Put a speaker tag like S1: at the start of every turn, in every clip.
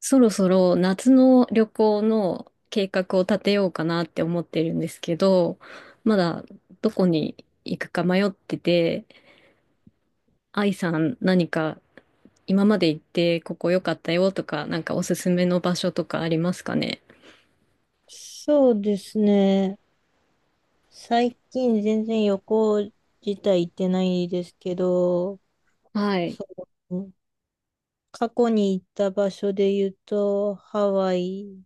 S1: そろそろ夏の旅行の計画を立てようかなって思ってるんですけど、まだどこに行くか迷ってて、愛さん今まで行ってここ良かったよとか、なんかおすすめの場所とかありますかね？
S2: そうですね。最近全然旅行自体行ってないですけど、
S1: はい。
S2: そう、過去に行った場所で言うと、ハワイ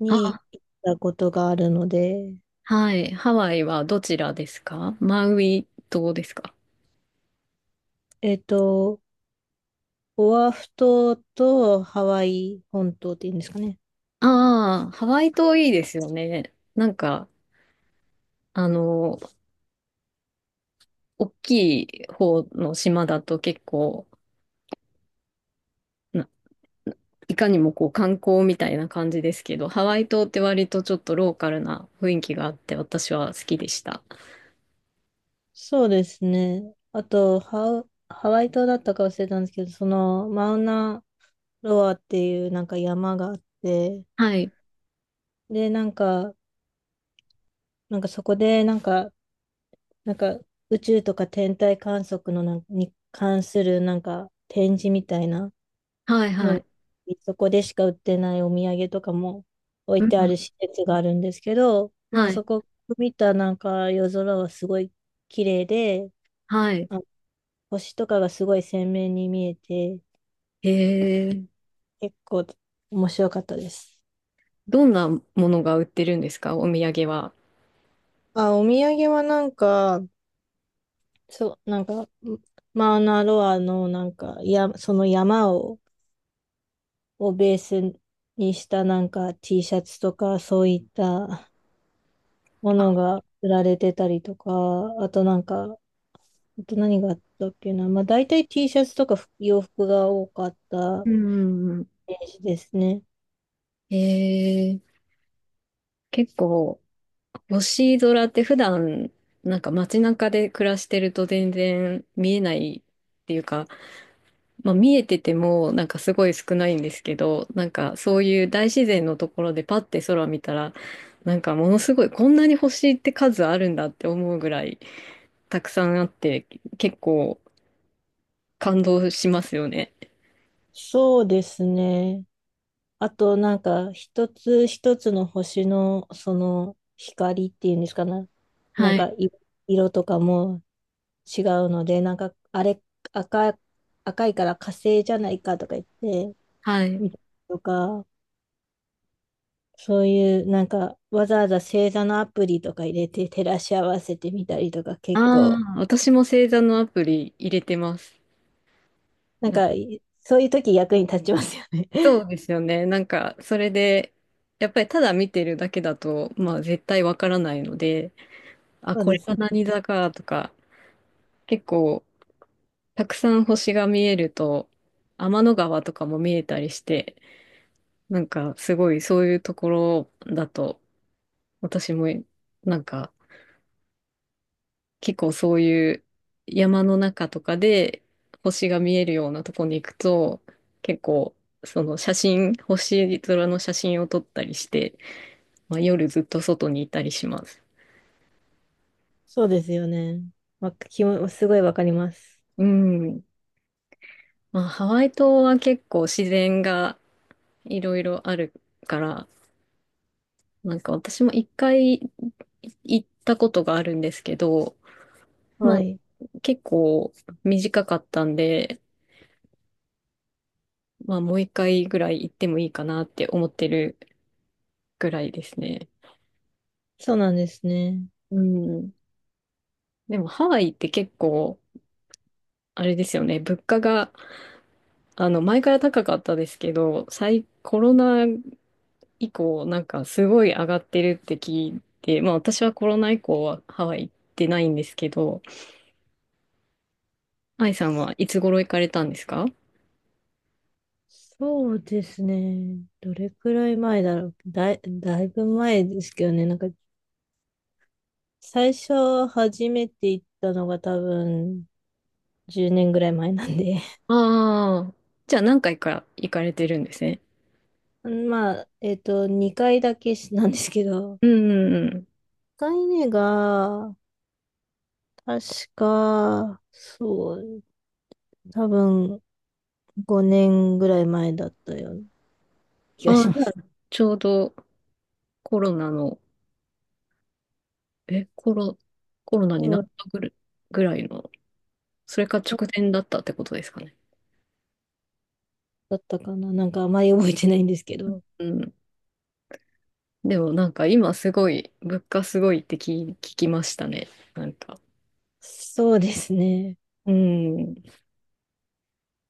S2: に
S1: あ、
S2: 行ったことがあるので、
S1: はい。ハワイはどちらですか？マウイ島ですか？
S2: えっと、オアフ島とハワイ本島っていうんですかね。
S1: ああ、ハワイ島いいですよね。あの、大きい方の島だと結構、いかにもこう観光みたいな感じですけど、ハワイ島って割とちょっとローカルな雰囲気があって私は好きでした。
S2: そうですね。あと、ハワイ島だったか忘れたんですけど、その、マウナロアっていうなんか山があって、
S1: はい。
S2: で、なんかそこで、なんか宇宙とか天体観測のなんに関するなんか展示みたいな
S1: はいは
S2: の、
S1: い。
S2: そこでしか売ってないお土産とかも置
S1: う
S2: いてあ
S1: ん。
S2: る施設があるんですけど、まあ
S1: はい。
S2: そこ見たなんか夜空はすごい綺麗で、
S1: はい。
S2: あ、星とかがすごい鮮明に見えて、
S1: へえ。
S2: 結構面白かったです。
S1: どんなものが売ってるんですか？お土産は。
S2: あ、お土産はなんか、そう、なんか、マウナロアのなんか、その山をベースにしたなんか T シャツとかそういったものが売られてたりとか、あとなんか、あと何があったっけな。まあ大体 T シャツとか洋服が多かった
S1: うん。
S2: イメージですね。
S1: へえ。結構、星空って普段、なんか街中で暮らしてると全然見えないっていうか、まあ、見えててもなんかすごい少ないんですけど、なんかそういう大自然のところでパッて空見たら、なんかものすごい、こんなに星って数あるんだって思うぐらいたくさんあって、結構感動しますよね。
S2: そうですね。あとなんか一つ一つの星のその光っていうんですかな。な
S1: は
S2: ん
S1: い。
S2: かい色とかも違うので、なんかあれ赤、赤いから火星じゃないかとか言って、
S1: はい。
S2: みたりとか、そういうなんかわざわざ星座のアプリとか入れて照らし合わせてみたりとか
S1: あ
S2: 結構
S1: あ、私も星座のアプリ入れてます。
S2: なん
S1: なんか
S2: かそういう時役に立ちますよね。
S1: そうですよね。なんかそれでやっぱりただ見てるだけだとまあ絶対わからないので、 あ、
S2: そう
S1: こ
S2: で
S1: れ
S2: す。
S1: が何座かとか。結構たくさん星が見えると、天の川とかも見えたりして、なんかすごい、そういうところだと、私もなんか結構そういう山の中とかで星が見えるようなとこに行くと、結構その写真、星空の写真を撮ったりして、まあ、夜ずっと外にいたりします。
S2: そうですよね。わ、きも、すごいわかります。
S1: うん。まあハワイ島は結構自然がいろいろあるから、私も一回行ったことがあるんですけど、ま
S2: は
S1: あ、
S2: い。
S1: 結構短かったんで、まあ、もう一回ぐらい行ってもいいかなって思ってるぐらいですね。
S2: そうなんですね。
S1: うん。でも、ハワイって結構、あれですよね、物価が、前から高かったですけど、コロナ以降、なんかすごい上がってるって聞いて、まあ、私はコロナ以降はハワイ行ってないんですけど、愛さんはいつ頃行かれたんですか？
S2: そうですね。どれくらい前だろう。だいぶ前ですけどね。なんか最初初めて行ったのが多分10年ぐらい前なんで。
S1: ああ、じゃあ何回か行かれてるんですね。
S2: まあ、2回だけしなんですけど、
S1: うんうんうん。
S2: 一回目が、確か、そう、多分5年ぐらい前だったような気が
S1: あ
S2: し
S1: あ、
S2: ま
S1: じゃあ
S2: す。
S1: ちょうどコロナの、え、コロ、コロ ナ
S2: コ
S1: にな
S2: ロ
S1: っ
S2: ナ
S1: たぐらいの、それか直前だったってことですかね。
S2: だったかななんかあまり覚えてないんですけど。
S1: うん。でもなんか今すごい、物価すごいって聞きましたね。なんか。
S2: そうですね。
S1: うん。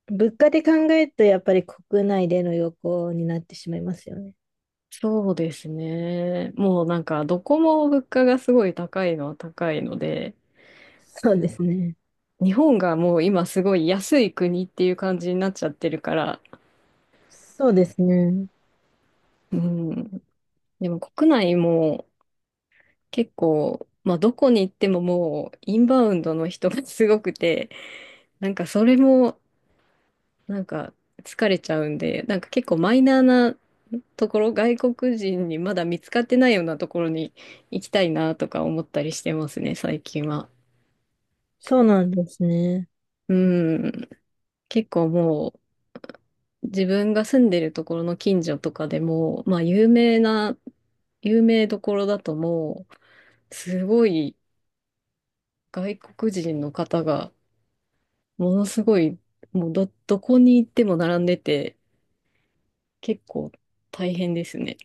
S2: 物価で考えるとやっぱり国内での旅行になってしまいますよね。
S1: そうですね。もうなんかどこも物価がすごい高いのは高いので、
S2: そうですね。
S1: 日本がもう今すごい安い国っていう感じになっちゃってるから、
S2: そうですね。
S1: うん。でも国内も結構、まあどこに行ってももうインバウンドの人がすごくて、なんかそれもなんか疲れちゃうんで、なんか結構マイナーなところ、外国人にまだ見つかってないようなところに行きたいなとか思ったりしてますね、最近は。
S2: そうなんですね。
S1: うん。結構もう自分が住んでるところの近所とかでも、まあ有名な、有名どころだともう、すごい外国人の方がものすごい、もうどこに行っても並んでて、結構大変ですね。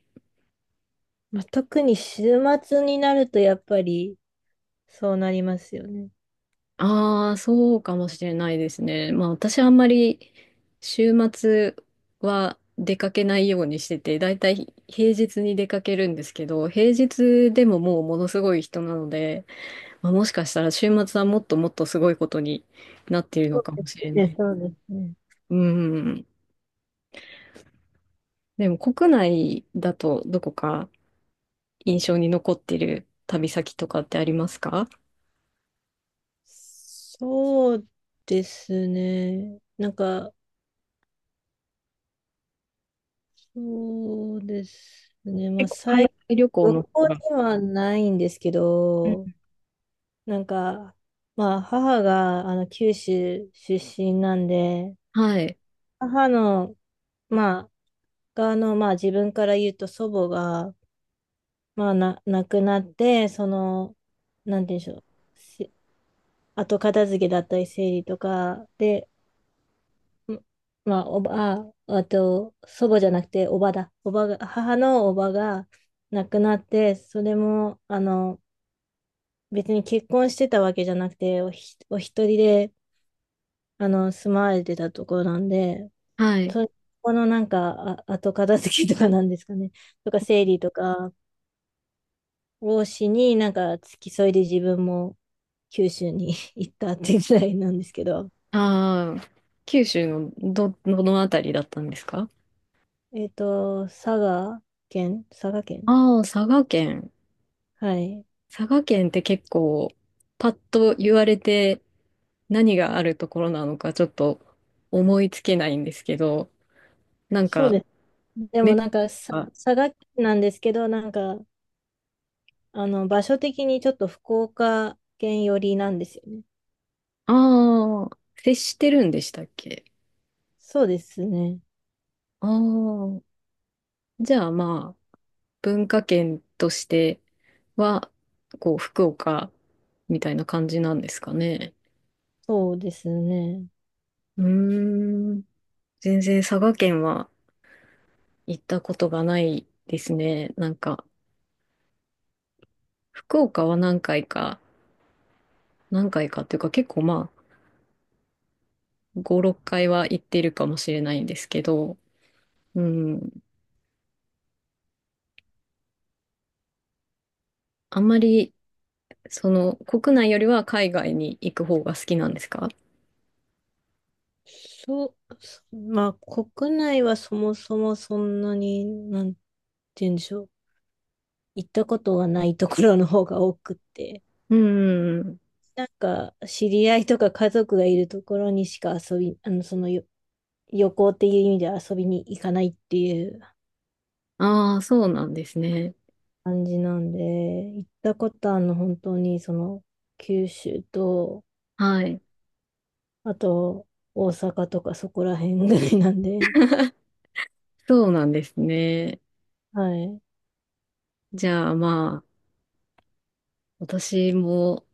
S2: まあ、特に週末になるとやっぱりそうなりますよね。
S1: ああ、そうかもしれないですね。まあ私あんまり週末は出かけないようにしてて、だいたい平日に出かけるんですけど、平日でももうものすごい人なので、まあ、もしかしたら週末はもっともっとすごいことになっているの
S2: そう
S1: か
S2: で
S1: もしれ
S2: す
S1: ない。
S2: ね、そうですね。
S1: うん。でも国内だとどこか印象に残ってる旅先とかってありますか？
S2: そうですね。なんか、そうですね。ま
S1: 結
S2: あ、
S1: 構海外旅行
S2: 旅
S1: の方
S2: 行
S1: が、
S2: ではないんですけど、なんか、まあ、母が、あの、九州出身なんで、
S1: はい。
S2: 母の、まあ、が、あの、まあ、自分から言うと祖母が、まあ、亡くなって、その、なんて言うんでしょう。し後片付けだったり、整理とかで、まあ、おば、あ、あと、祖母じゃなくて、おばだ。おばが、母のおばが亡くなって、それも、あの、別に結婚してたわけじゃなくて、お一人で、あの、住まわれてたところなんで、
S1: はい。
S2: そこのなんか、あ、後片付けとかなんですかね。とか、整理とかをしに、なんか、付き添いで自分も九州に 行ったっていうぐらいなんですけど、
S1: ああ、九州のどのあたりだったんですか？
S2: えっと、佐賀佐賀県。
S1: ああ、佐賀県。
S2: はい。
S1: 佐賀県って結構、パッと言われて何があるところなのかちょっと思いつけないんですけど、なん
S2: そうで
S1: か、
S2: すねでも
S1: ね。
S2: なんかさ、
S1: あ
S2: 佐賀県なんですけど、なんか、あの、場所的にちょっと福岡県寄りなんですよね。
S1: あー、接してるんでしたっけ？
S2: そうですね。
S1: ああー、じゃあまあ、文化圏としては、こう、福岡みたいな感じなんですかね。
S2: そうですね。
S1: うーん。全然佐賀県は行ったことがないですね。なんか、福岡は何回か、何回かっていうか結構まあ、5、6回は行ってるかもしれないんですけど、うん。あんまり、その、国内よりは海外に行く方が好きなんですか？
S2: そう、まあ、国内はそもそもそんなに、なんて言うんでしょう。行ったことがないところの方が多くって。
S1: うん。
S2: なんか、知り合いとか家族がいるところにしか遊び、あの、そのよ、旅行っていう意味では遊びに行かないっていう
S1: ああ、そうなんですね。
S2: 感じなんで、行ったことあるの本当にその九州と、
S1: はい。
S2: あと大阪とかそこら辺ぐらいなんで、
S1: そうなんですね。
S2: はい。
S1: じゃあまあ、私も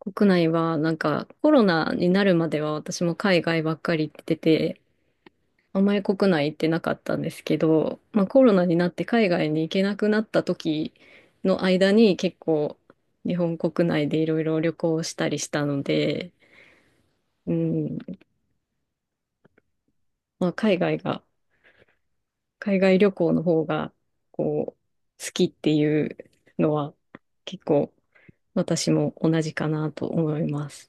S1: 国内はなんかコロナになるまでは私も海外ばっかり行ってて、あんまり国内行ってなかったんですけど、まあコロナになって海外に行けなくなった時の間に結構日本国内でいろいろ旅行したりしたので、うん、まあ海外が、海外旅行の方がこう好きっていうのは結構私も同じかなと思います。